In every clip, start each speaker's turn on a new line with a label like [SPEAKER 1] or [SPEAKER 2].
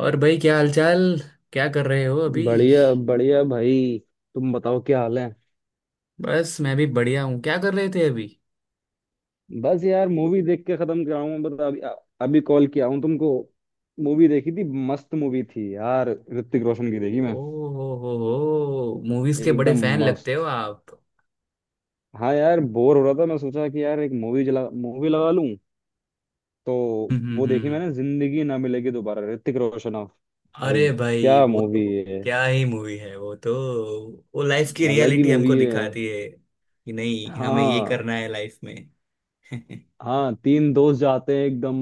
[SPEAKER 1] और भाई, क्या हालचाल? क्या कर रहे हो अभी?
[SPEAKER 2] बढ़िया बढ़िया भाई। तुम बताओ क्या हाल है।
[SPEAKER 1] बस मैं भी बढ़िया हूँ। क्या कर रहे थे अभी?
[SPEAKER 2] बस यार मूवी देख के खत्म कराऊं बता अभी। अभी कॉल किया हूं तुमको। मूवी देखी थी, मस्त मूवी थी यार। ऋतिक रोशन की देखी
[SPEAKER 1] ओ
[SPEAKER 2] मैं।
[SPEAKER 1] हो, मूवीज के बड़े
[SPEAKER 2] एकदम
[SPEAKER 1] फैन लगते हो
[SPEAKER 2] मस्त।
[SPEAKER 1] आप।
[SPEAKER 2] हाँ यार, बोर हो रहा था, मैं सोचा कि यार एक मूवी जला मूवी लगा लूं तो
[SPEAKER 1] हम्म
[SPEAKER 2] वो
[SPEAKER 1] हम्म,
[SPEAKER 2] देखी
[SPEAKER 1] हम्म।
[SPEAKER 2] मैंने, जिंदगी ना मिलेगी दोबारा, ऋतिक रोशन ऑफ भाई,
[SPEAKER 1] अरे भाई,
[SPEAKER 2] क्या
[SPEAKER 1] वो तो
[SPEAKER 2] मूवी है।
[SPEAKER 1] क्या ही मूवी है, वो तो। वो लाइफ की
[SPEAKER 2] अलग ही
[SPEAKER 1] रियलिटी हमको
[SPEAKER 2] मूवी है।
[SPEAKER 1] दिखाती है कि नहीं, हमें ये
[SPEAKER 2] हाँ,
[SPEAKER 1] करना है लाइफ में।
[SPEAKER 2] हाँ तीन दोस्त जाते हैं एकदम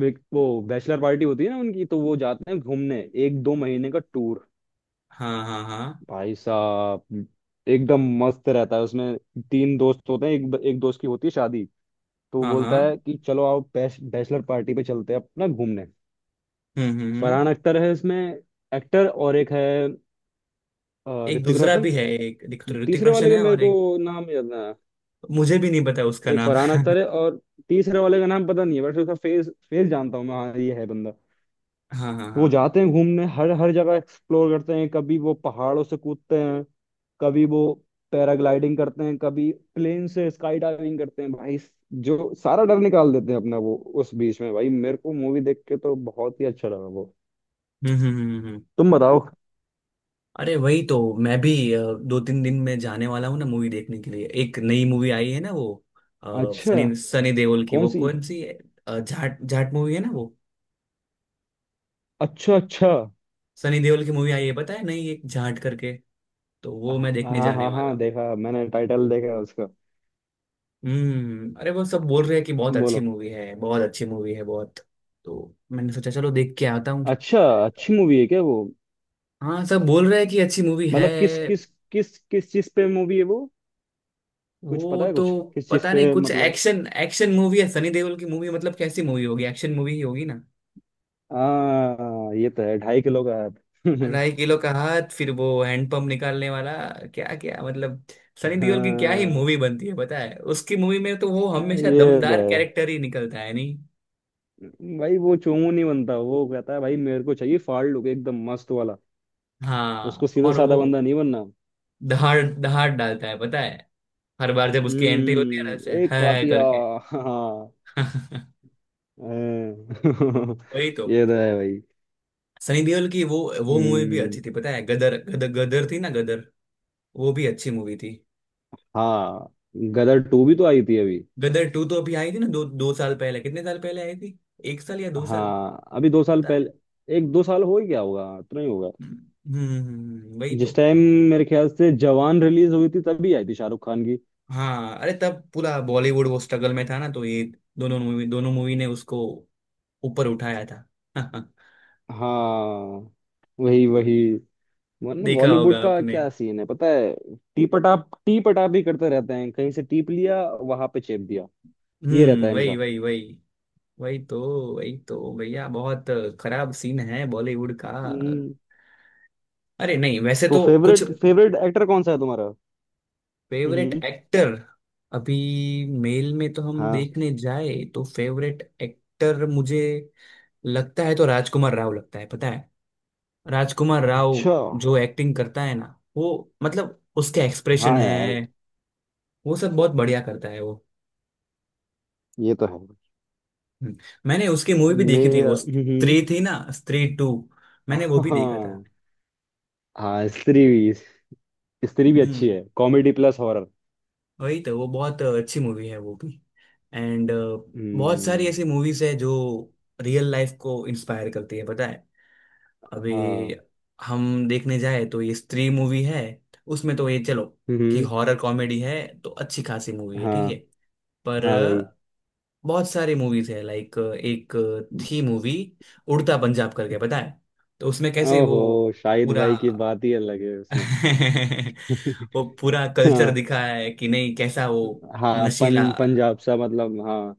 [SPEAKER 2] वो बैचलर पार्टी होती है ना उनकी, तो वो जाते हैं घूमने, एक दो महीने का टूर।
[SPEAKER 1] हाँ हाँ हाँ
[SPEAKER 2] भाई साहब एकदम मस्त रहता है उसमें। तीन दोस्त होते हैं, एक एक दोस्त की होती है शादी। तो वो
[SPEAKER 1] हाँ हाँ।
[SPEAKER 2] बोलता है कि चलो आओ बैचलर पार्टी पे चलते हैं अपना घूमने।
[SPEAKER 1] हम्म हम्म हम्म।
[SPEAKER 2] फरहान अख्तर है इसमें एक्टर, और एक है
[SPEAKER 1] एक
[SPEAKER 2] ऋतिक
[SPEAKER 1] दूसरा
[SPEAKER 2] रोशन।
[SPEAKER 1] भी है, एक ऋतिक ऋतिक
[SPEAKER 2] तीसरे वाले
[SPEAKER 1] रोशन
[SPEAKER 2] का
[SPEAKER 1] है
[SPEAKER 2] मेरे
[SPEAKER 1] और
[SPEAKER 2] को
[SPEAKER 1] एक।
[SPEAKER 2] नाम याद ना है।
[SPEAKER 1] मुझे भी नहीं पता उसका
[SPEAKER 2] एक
[SPEAKER 1] नाम।
[SPEAKER 2] फरहान अख्तर है, और तीसरे वाले का नाम पता नहीं है, बट उसका फेस फेस जानता हूँ मैं। हाँ ये है बंदा।
[SPEAKER 1] हाँ हाँ
[SPEAKER 2] तो
[SPEAKER 1] हाँ,
[SPEAKER 2] वो
[SPEAKER 1] हम्म।
[SPEAKER 2] जाते हैं घूमने, हर हर जगह एक्सप्लोर करते हैं। कभी वो पहाड़ों से कूदते हैं, कभी वो पैराग्लाइडिंग करते हैं, कभी प्लेन से स्काई डाइविंग करते हैं भाई। जो सारा डर निकाल देते हैं अपना वो। उस बीच में भाई मेरे को मूवी देख के तो बहुत ही अच्छा लगा वो।
[SPEAKER 1] हम्म हम्म, हम्म।
[SPEAKER 2] तुम बताओ।
[SPEAKER 1] अरे वही तो। मैं भी दो तीन दिन में जाने वाला हूँ ना, मूवी देखने के लिए। एक नई मूवी आई है ना वो अ,
[SPEAKER 2] अच्छा।
[SPEAKER 1] सनी सनी देओल की,
[SPEAKER 2] कौन
[SPEAKER 1] वो
[SPEAKER 2] सी।
[SPEAKER 1] कौन सी है? जाट जाट मूवी है ना वो।
[SPEAKER 2] अच्छा अच्छा।
[SPEAKER 1] सनी देओल की मूवी आई है, पता है नहीं, एक जाट करके। तो वो मैं देखने
[SPEAKER 2] हाँ
[SPEAKER 1] जाने
[SPEAKER 2] हाँ
[SPEAKER 1] वाला
[SPEAKER 2] हाँ,
[SPEAKER 1] हूँ।
[SPEAKER 2] देखा मैंने टाइटल देखा उसका।
[SPEAKER 1] हम्म, अरे वो सब बोल रहे हैं कि बहुत अच्छी
[SPEAKER 2] बोलो।
[SPEAKER 1] मूवी है, बहुत अच्छी मूवी है, बहुत। तो मैंने सोचा चलो देख के आता हूँ।
[SPEAKER 2] अच्छा। अच्छी मूवी है क्या वो।
[SPEAKER 1] हाँ, सब बोल रहे हैं कि अच्छी मूवी है।
[SPEAKER 2] मतलब किस किस, किस किस चीज पे मूवी है वो। कुछ
[SPEAKER 1] वो
[SPEAKER 2] पता है
[SPEAKER 1] तो।
[SPEAKER 2] कुछ, किस चीज
[SPEAKER 1] पता
[SPEAKER 2] पे
[SPEAKER 1] नहीं, कुछ
[SPEAKER 2] मतलब।
[SPEAKER 1] एक्शन एक्शन मूवी है, सनी देओल की मूवी मतलब कैसी मूवी होगी, एक्शन मूवी ही होगी ना।
[SPEAKER 2] हाँ, ये तो है ढाई किलो का हाथ।
[SPEAKER 1] ढाई किलो का हाथ, फिर वो हैंडपंप निकालने वाला। क्या क्या मतलब। सनी देओल की क्या ही
[SPEAKER 2] हाँ,
[SPEAKER 1] मूवी बनती है पता है, उसकी मूवी में तो वो हमेशा
[SPEAKER 2] ये तो
[SPEAKER 1] दमदार
[SPEAKER 2] है
[SPEAKER 1] कैरेक्टर ही निकलता है नहीं।
[SPEAKER 2] भाई। वो चोमू नहीं बनता, वो कहता है भाई मेरे को चाहिए फाड़लूक एकदम मस्त वाला। उसको
[SPEAKER 1] हाँ
[SPEAKER 2] सीधा
[SPEAKER 1] और
[SPEAKER 2] साधा
[SPEAKER 1] वो
[SPEAKER 2] बंदा नहीं बनना।
[SPEAKER 1] दहाड़ दहाड़ डालता है पता है। हर बार जब उसकी एंट्री होती है ना, ऐसे
[SPEAKER 2] हम्म, एक
[SPEAKER 1] है
[SPEAKER 2] कातिया।
[SPEAKER 1] करके।
[SPEAKER 2] हाँ, हाँ।
[SPEAKER 1] वही तो,
[SPEAKER 2] ये तो है भाई।
[SPEAKER 1] सनी देओल की वो। वो मूवी भी
[SPEAKER 2] हम्म।
[SPEAKER 1] अच्छी थी पता है, गदर गदर गदर थी ना, गदर। वो भी अच्छी मूवी थी।
[SPEAKER 2] हाँ, गदर टू भी तो आई थी अभी।
[SPEAKER 1] गदर टू तो अभी आई थी ना, दो दो साल पहले, कितने साल पहले आई थी? एक साल या दो साल,
[SPEAKER 2] हाँ, अभी दो साल
[SPEAKER 1] पता।
[SPEAKER 2] पहले। एक दो साल हो ही गया होगा, इतना ही होगा।
[SPEAKER 1] वही तो।
[SPEAKER 2] जिस टाइम, मेरे ख्याल से जवान रिलीज हुई थी तभी आई थी शाहरुख खान की।
[SPEAKER 1] हाँ अरे, तब पूरा बॉलीवुड वो स्ट्रगल में था ना, तो ये दोनों मूवी ने उसको ऊपर उठाया था।
[SPEAKER 2] हाँ, वही वही। वरना
[SPEAKER 1] देखा
[SPEAKER 2] बॉलीवुड
[SPEAKER 1] होगा
[SPEAKER 2] का
[SPEAKER 1] आपने।
[SPEAKER 2] क्या सीन है पता है। टी पटाप ही करते रहते हैं, कहीं से टीप लिया वहां पे चेप दिया। ये रहता है
[SPEAKER 1] हम्म, वही
[SPEAKER 2] इनका।
[SPEAKER 1] वही वही। वही तो, वही तो भैया, बहुत खराब सीन है बॉलीवुड का।
[SPEAKER 2] हम्म,
[SPEAKER 1] अरे नहीं, वैसे
[SPEAKER 2] तो
[SPEAKER 1] तो कुछ।
[SPEAKER 2] फेवरेट फेवरेट एक्टर कौन सा है तुम्हारा।
[SPEAKER 1] फेवरेट
[SPEAKER 2] हम्म।
[SPEAKER 1] एक्टर। अभी मेल में तो हम
[SPEAKER 2] हाँ।
[SPEAKER 1] देखने जाए तो फेवरेट एक्टर मुझे लगता है तो राजकुमार राव लगता है पता है। राजकुमार राव।
[SPEAKER 2] अच्छा।
[SPEAKER 1] जो एक्टिंग करता है ना वो, मतलब उसके एक्सप्रेशन
[SPEAKER 2] हाँ
[SPEAKER 1] है,
[SPEAKER 2] यार।
[SPEAKER 1] वो सब बहुत बढ़िया करता है वो।
[SPEAKER 2] ये तो है।
[SPEAKER 1] हम्म। मैंने उसकी मूवी भी देखी थी,
[SPEAKER 2] मेरा
[SPEAKER 1] वो
[SPEAKER 2] हम्म।
[SPEAKER 1] स्त्री थी ना, स्त्री टू। मैंने वो भी देखा था।
[SPEAKER 2] हाँ। हाँ, स्त्री भी, स्त्री भी अच्छी
[SPEAKER 1] हम्म,
[SPEAKER 2] है, कॉमेडी प्लस हॉरर।
[SPEAKER 1] वही तो, वो बहुत अच्छी मूवी है वो भी। एंड बहुत सारी
[SPEAKER 2] हम्म।
[SPEAKER 1] ऐसी मूवीज है जो रियल लाइफ को इंस्पायर करती है पता है। अभी
[SPEAKER 2] हाँ।
[SPEAKER 1] हम देखने जाए तो ये स्त्री मूवी है, उसमें तो ये चलो कि
[SPEAKER 2] हम्म।
[SPEAKER 1] हॉरर कॉमेडी है, तो अच्छी खासी मूवी है ठीक है।
[SPEAKER 2] हाँ,
[SPEAKER 1] पर
[SPEAKER 2] हाँ, वही।
[SPEAKER 1] बहुत सारी मूवीज है, लाइक एक थी मूवी उड़ता पंजाब करके पता है। तो उसमें कैसे वो
[SPEAKER 2] ओहो, शाहिद
[SPEAKER 1] पूरा।
[SPEAKER 2] भाई की बात ही अलग है उसमें।
[SPEAKER 1] वो पूरा कल्चर
[SPEAKER 2] हाँ।
[SPEAKER 1] दिखाया है कि नहीं, कैसा वो।
[SPEAKER 2] हाँ
[SPEAKER 1] नशीला,
[SPEAKER 2] पंजाब सा मतलब, हाँ।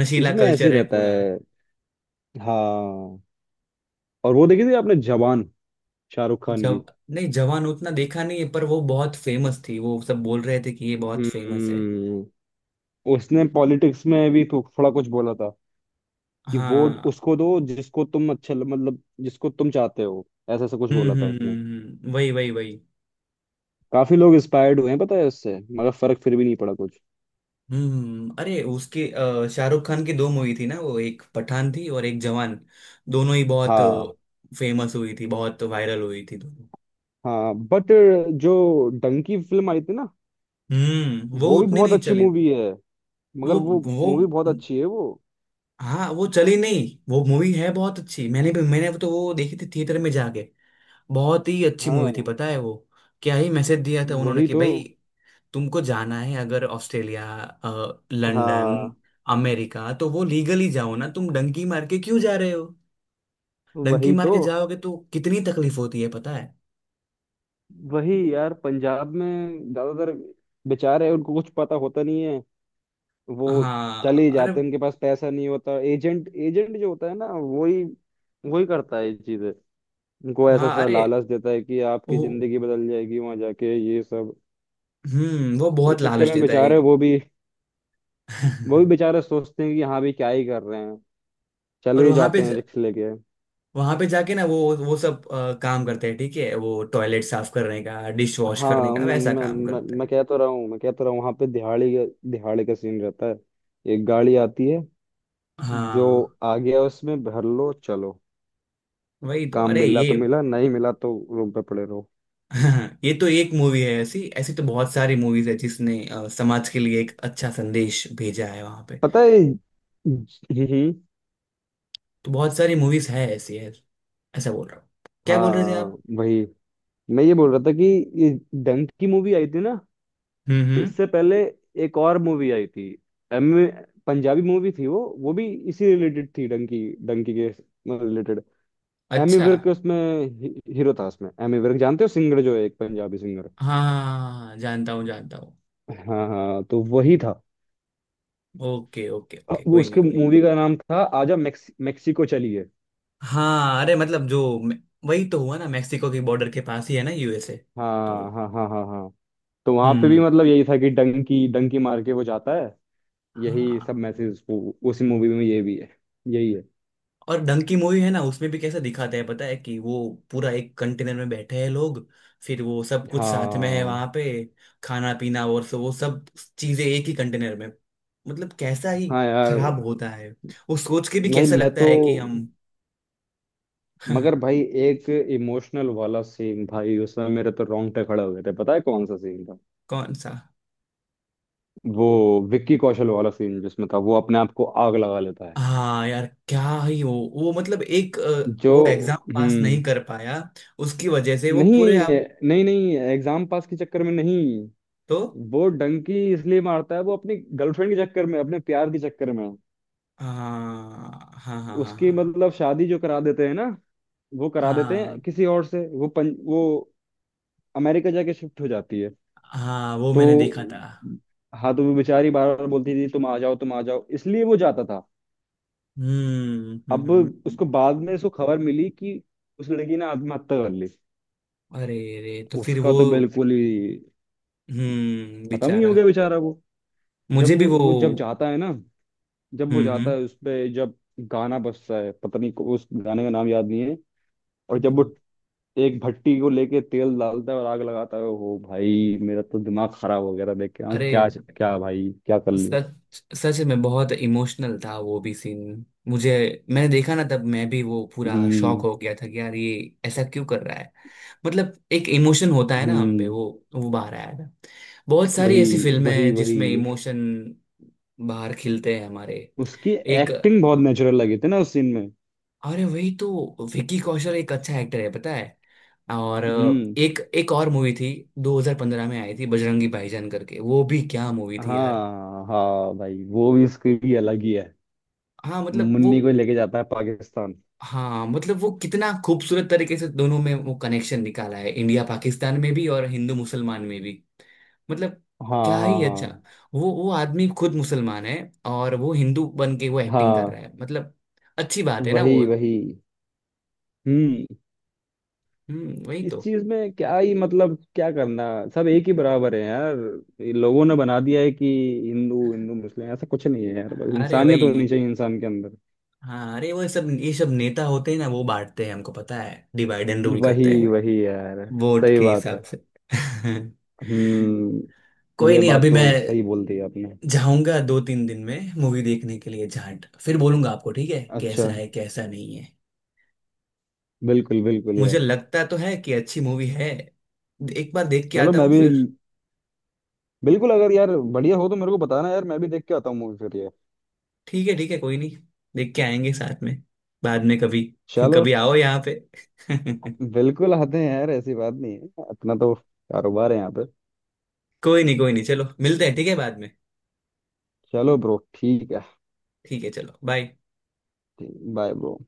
[SPEAKER 1] नशीला
[SPEAKER 2] इसमें ऐसे ही
[SPEAKER 1] कल्चर है
[SPEAKER 2] रहता
[SPEAKER 1] पूरा।
[SPEAKER 2] है। हाँ। और वो देखी थी आपने जवान शाहरुख खान की।
[SPEAKER 1] जब नहीं, जवान उतना देखा नहीं है, पर वो बहुत फेमस थी, वो सब बोल रहे थे कि ये बहुत फेमस है।
[SPEAKER 2] हम्म। उसने पॉलिटिक्स में भी थोड़ा कुछ बोला था कि वोट
[SPEAKER 1] हाँ।
[SPEAKER 2] उसको दो जिसको तुम अच्छा मतलब जिसको तुम चाहते हो, ऐसा ऐसा कुछ बोला था उसने।
[SPEAKER 1] वही वही वही।
[SPEAKER 2] काफी लोग इंस्पायर्ड हुए हैं पता है उससे, मगर फर्क फिर भी नहीं पड़ा कुछ।
[SPEAKER 1] अरे उसके शाहरुख खान की दो मूवी थी ना वो, एक पठान थी और एक जवान। दोनों ही बहुत
[SPEAKER 2] हाँ
[SPEAKER 1] फेमस हुई थी, बहुत वायरल हुई थी दोनों।
[SPEAKER 2] हाँ, बट जो डंकी फिल्म आई थी ना,
[SPEAKER 1] हम्म, वो
[SPEAKER 2] वो भी
[SPEAKER 1] उतनी
[SPEAKER 2] बहुत
[SPEAKER 1] नहीं
[SPEAKER 2] अच्छी
[SPEAKER 1] चली,
[SPEAKER 2] मूवी है।
[SPEAKER 1] वो
[SPEAKER 2] मगर वो
[SPEAKER 1] वो
[SPEAKER 2] मूवी बहुत अच्छी है वो।
[SPEAKER 1] हाँ, वो चली नहीं, वो मूवी है बहुत अच्छी, मैंने तो वो देखी थी थिएटर में जाके। बहुत ही अच्छी मूवी थी
[SPEAKER 2] हाँ
[SPEAKER 1] पता है वो। क्या ही मैसेज दिया था उन्होंने
[SPEAKER 2] वही
[SPEAKER 1] कि
[SPEAKER 2] तो।
[SPEAKER 1] भाई, तुमको जाना है अगर ऑस्ट्रेलिया, लंदन,
[SPEAKER 2] हाँ
[SPEAKER 1] अमेरिका, तो वो लीगली जाओ ना, तुम डंकी मार के क्यों जा रहे हो? डंकी
[SPEAKER 2] वही
[SPEAKER 1] मार
[SPEAKER 2] तो।
[SPEAKER 1] के जाओगे तो कितनी तकलीफ होती है पता है।
[SPEAKER 2] वही यार, पंजाब में ज्यादातर बेचारे हैं, उनको कुछ पता होता नहीं है। वो
[SPEAKER 1] हाँ
[SPEAKER 2] चले ही
[SPEAKER 1] अरे।
[SPEAKER 2] जाते हैं, उनके पास पैसा नहीं होता। एजेंट एजेंट जो होता है ना वही, वही करता है ये चीजें। उनको ऐसा
[SPEAKER 1] हाँ
[SPEAKER 2] सा
[SPEAKER 1] अरे
[SPEAKER 2] लालच देता है कि आपकी
[SPEAKER 1] वो।
[SPEAKER 2] जिंदगी बदल जाएगी वहां जाके ये सब।
[SPEAKER 1] हम्म, वो
[SPEAKER 2] तो इस
[SPEAKER 1] बहुत
[SPEAKER 2] चक्कर
[SPEAKER 1] लालच
[SPEAKER 2] में
[SPEAKER 1] देता है।
[SPEAKER 2] बेचारे वो भी, वो भी बेचारे सोचते हैं कि हाँ भी क्या ही कर रहे हैं,
[SPEAKER 1] और
[SPEAKER 2] चले ही
[SPEAKER 1] वहां पे
[SPEAKER 2] जाते हैं रिक्स लेके।
[SPEAKER 1] वहां पे जाके ना वो सब काम करते हैं ठीक है, वो टॉयलेट साफ करने का, डिश वॉश करने
[SPEAKER 2] हाँ
[SPEAKER 1] का
[SPEAKER 2] मैं
[SPEAKER 1] वैसा
[SPEAKER 2] मैं
[SPEAKER 1] काम
[SPEAKER 2] मैं,
[SPEAKER 1] करते
[SPEAKER 2] मैं
[SPEAKER 1] हैं।
[SPEAKER 2] कह तो रहा हूँ, मैं कह तो रहा हूँ वहां पे दिहाड़ी का, दिहाड़ी का सीन रहता है। एक गाड़ी आती है, जो
[SPEAKER 1] हाँ
[SPEAKER 2] आ गया उसमें भर लो चलो।
[SPEAKER 1] वही तो,
[SPEAKER 2] काम
[SPEAKER 1] अरे
[SPEAKER 2] मिला
[SPEAKER 1] ये।
[SPEAKER 2] तो मिला, नहीं मिला तो रूम पे पड़े रहो।
[SPEAKER 1] ये तो एक मूवी है ऐसी, ऐसी तो बहुत सारी मूवीज है जिसने समाज के लिए एक अच्छा संदेश भेजा है वहां पे।
[SPEAKER 2] पता है। हम्म। हम्म,
[SPEAKER 1] तो बहुत सारी मूवीज है ऐसी है, ऐसा बोल रहा हूँ। क्या बोल रहे थे
[SPEAKER 2] हाँ
[SPEAKER 1] आप?
[SPEAKER 2] वही, मैं ये बोल रहा था कि ये डंक की मूवी आई थी ना,
[SPEAKER 1] हम्म,
[SPEAKER 2] इससे पहले एक और मूवी आई थी। एम पंजाबी मूवी थी वो भी इसी रिलेटेड थी, डंकी डंकी के रिलेटेड। एमी
[SPEAKER 1] अच्छा
[SPEAKER 2] विर्क
[SPEAKER 1] हाँ।
[SPEAKER 2] उसमें हीरो था उसमें। एमी विर्क, जानते हो सिंगर जो है, एक पंजाबी सिंगर।
[SPEAKER 1] हाँ, हाँ, हाँ, हाँ, जानता हूँ जानता हूँ।
[SPEAKER 2] हाँ हाँ, तो वही था।
[SPEAKER 1] ओके ओके ओके,
[SPEAKER 2] वो
[SPEAKER 1] कोई नहीं
[SPEAKER 2] उसके
[SPEAKER 1] कोई नहीं।
[SPEAKER 2] मूवी का नाम था आजा मेक्सिको चलिए।
[SPEAKER 1] हाँ अरे, मतलब जो, वही तो हुआ ना, मेक्सिको की बॉर्डर के पास ही है ना यूएसए।
[SPEAKER 2] हाँ
[SPEAKER 1] तो।
[SPEAKER 2] हाँ हाँ हाँ हाँ। तो वहां पे भी
[SPEAKER 1] हम्म
[SPEAKER 2] मतलब यही था कि डंकी डंकी मार के वो जाता है, यही सब
[SPEAKER 1] हाँ।
[SPEAKER 2] मैसेज उसी मूवी में, ये भी है यही है।
[SPEAKER 1] और डंकी की मूवी है ना, उसमें भी कैसा दिखाते हैं पता है, कि वो पूरा एक कंटेनर में बैठे हैं लोग। फिर वो सब कुछ साथ में है वहां
[SPEAKER 2] हाँ
[SPEAKER 1] पे, खाना पीना और सो, वो सब चीजें एक ही कंटेनर में। मतलब कैसा ही
[SPEAKER 2] हाँ यार।
[SPEAKER 1] खराब होता है, वो सोच के भी
[SPEAKER 2] नहीं
[SPEAKER 1] कैसा
[SPEAKER 2] मैं
[SPEAKER 1] लगता
[SPEAKER 2] तो,
[SPEAKER 1] है कि हम।
[SPEAKER 2] मगर भाई एक इमोशनल वाला सीन भाई उसमें, मेरे तो रोंगटे खड़े हो गए थे। पता है कौन सा सीन।
[SPEAKER 1] कौन सा?
[SPEAKER 2] वो विक्की कौशल वाला सीन, जिसमें था वो अपने आप को आग लगा लेता है
[SPEAKER 1] हाँ यार, क्या ही हो वो, मतलब एक
[SPEAKER 2] जो।
[SPEAKER 1] वो एग्जाम पास नहीं
[SPEAKER 2] हम्म।
[SPEAKER 1] कर पाया। उसकी वजह से वो
[SPEAKER 2] नहीं
[SPEAKER 1] पूरे आप।
[SPEAKER 2] नहीं नहीं, एग्जाम पास के चक्कर में नहीं,
[SPEAKER 1] तो।
[SPEAKER 2] वो डंकी इसलिए मारता है वो अपनी गर्लफ्रेंड के चक्कर में, अपने प्यार के चक्कर में।
[SPEAKER 1] हाँ हाँ हाँ हाँ
[SPEAKER 2] उसकी
[SPEAKER 1] हाँ
[SPEAKER 2] मतलब शादी जो करा देते हैं ना, वो करा देते
[SPEAKER 1] हाँ
[SPEAKER 2] हैं किसी और से, वो वो अमेरिका जाके शिफ्ट हो जाती है।
[SPEAKER 1] हाँ, वो
[SPEAKER 2] तो
[SPEAKER 1] मैंने देखा था।
[SPEAKER 2] हाँ, तो वो बेचारी बार बार बोलती थी तुम आ जाओ तुम आ जाओ, इसलिए वो जाता था।
[SPEAKER 1] हम्म हम्म
[SPEAKER 2] अब
[SPEAKER 1] हम्म,
[SPEAKER 2] उसको
[SPEAKER 1] हम्म।
[SPEAKER 2] बाद में उसको खबर मिली कि उस लड़की ने आत्महत्या कर ली।
[SPEAKER 1] अरे रे, तो फिर
[SPEAKER 2] उसका
[SPEAKER 1] वो।
[SPEAKER 2] तो बिल्कुल ही
[SPEAKER 1] हम्म,
[SPEAKER 2] खत्म ही हो
[SPEAKER 1] बेचारा।
[SPEAKER 2] गया बेचारा वो। जब
[SPEAKER 1] मुझे भी
[SPEAKER 2] वो,
[SPEAKER 1] वो।
[SPEAKER 2] वो जब जाता है ना, जब वो जाता
[SPEAKER 1] हम्म
[SPEAKER 2] है उस पे, जब गाना बजता है पता नहीं उस गाने का नाम याद नहीं है। और जब
[SPEAKER 1] हाँ।
[SPEAKER 2] वो एक भट्टी को लेके तेल डालता है और आग लगाता है, ओ भाई मेरा तो दिमाग खराब हो गया था देख के। हाँ
[SPEAKER 1] अरे,
[SPEAKER 2] क्या क्या भाई क्या कर लिया।
[SPEAKER 1] सच सच में बहुत इमोशनल था वो भी सीन मुझे। मैंने देखा ना, तब मैं भी वो पूरा शॉक
[SPEAKER 2] हम्म
[SPEAKER 1] हो गया था कि यार ये ऐसा क्यों कर रहा है। मतलब एक इमोशन होता है ना हम पे,
[SPEAKER 2] हम्म,
[SPEAKER 1] वो बाहर आया था। बहुत सारी ऐसी
[SPEAKER 2] वही
[SPEAKER 1] फिल्में
[SPEAKER 2] वही
[SPEAKER 1] हैं जिसमें
[SPEAKER 2] वही।
[SPEAKER 1] इमोशन बाहर खिलते हैं हमारे।
[SPEAKER 2] उसकी
[SPEAKER 1] एक।
[SPEAKER 2] एक्टिंग बहुत नेचुरल लगी थी ना उस सीन में।
[SPEAKER 1] अरे वही तो, विकी कौशल एक अच्छा एक्टर है पता है। और
[SPEAKER 2] हम्म।
[SPEAKER 1] एक एक और मूवी थी, 2015 में आई थी बजरंगी भाईजान करके। वो भी क्या मूवी थी यार।
[SPEAKER 2] हाँ हाँ भाई, वो भी उसकी भी अलग ही है।
[SPEAKER 1] हाँ मतलब वो।
[SPEAKER 2] मुन्नी को लेके जाता है पाकिस्तान।
[SPEAKER 1] हाँ मतलब वो कितना खूबसूरत तरीके से दोनों में वो कनेक्शन निकाला है, इंडिया पाकिस्तान में भी और हिंदू मुसलमान में भी। मतलब
[SPEAKER 2] हाँ
[SPEAKER 1] क्या
[SPEAKER 2] हाँ
[SPEAKER 1] ही अच्छा।
[SPEAKER 2] हाँ
[SPEAKER 1] वो आदमी खुद मुसलमान है। और वो हिंदू बन के वो एक्टिंग कर
[SPEAKER 2] हाँ।
[SPEAKER 1] रहा है मतलब। अच्छी बात है ना वो।
[SPEAKER 2] वही वही। हम्म।
[SPEAKER 1] वही
[SPEAKER 2] इस
[SPEAKER 1] तो।
[SPEAKER 2] चीज में क्या ही मतलब, क्या करना। सब एक ही बराबर है यार। ये लोगों ने बना दिया है कि हिंदू, हिंदू मुस्लिम ऐसा कुछ नहीं है यार, बस
[SPEAKER 1] अरे
[SPEAKER 2] इंसानियत
[SPEAKER 1] वही।
[SPEAKER 2] होनी चाहिए इंसान के अंदर।
[SPEAKER 1] हाँ अरे, वो सब ये सब नेता होते हैं ना, वो बांटते हैं हमको पता है, डिवाइड एंड रूल
[SPEAKER 2] वही
[SPEAKER 1] करते हैं।
[SPEAKER 2] वही यार।
[SPEAKER 1] वोट
[SPEAKER 2] सही
[SPEAKER 1] के
[SPEAKER 2] बात
[SPEAKER 1] हिसाब
[SPEAKER 2] है।
[SPEAKER 1] से।
[SPEAKER 2] हम्म।
[SPEAKER 1] कोई
[SPEAKER 2] ये
[SPEAKER 1] नहीं,
[SPEAKER 2] बात
[SPEAKER 1] अभी
[SPEAKER 2] तो
[SPEAKER 1] मैं
[SPEAKER 2] सही बोल दी आपने।
[SPEAKER 1] जाऊंगा दो तीन दिन में मूवी देखने के लिए जाट, फिर बोलूंगा आपको ठीक
[SPEAKER 2] अच्छा।
[SPEAKER 1] है कैसा नहीं है।
[SPEAKER 2] बिल्कुल बिल्कुल
[SPEAKER 1] मुझे
[SPEAKER 2] यार।
[SPEAKER 1] लगता तो है कि अच्छी मूवी है। एक बार देख के
[SPEAKER 2] चलो
[SPEAKER 1] आता
[SPEAKER 2] मैं
[SPEAKER 1] हूँ
[SPEAKER 2] भी।
[SPEAKER 1] फिर।
[SPEAKER 2] बिल्कुल, अगर यार बढ़िया हो तो मेरे को बताना यार, मैं भी देख के आता हूँ मूवी फिर ये।
[SPEAKER 1] ठीक है ठीक है, कोई नहीं। देख के आएंगे साथ में बाद में कभी।
[SPEAKER 2] चलो।
[SPEAKER 1] कभी आओ यहाँ पे।
[SPEAKER 2] बिल्कुल आते हैं यार, ऐसी बात नहीं है, अपना तो कारोबार है यहाँ पे।
[SPEAKER 1] कोई नहीं कोई नहीं, चलो मिलते हैं ठीक है बाद में।
[SPEAKER 2] चलो ब्रो, ठीक है।
[SPEAKER 1] ठीक है, चलो बाय।
[SPEAKER 2] ठीक, बाय ब्रो।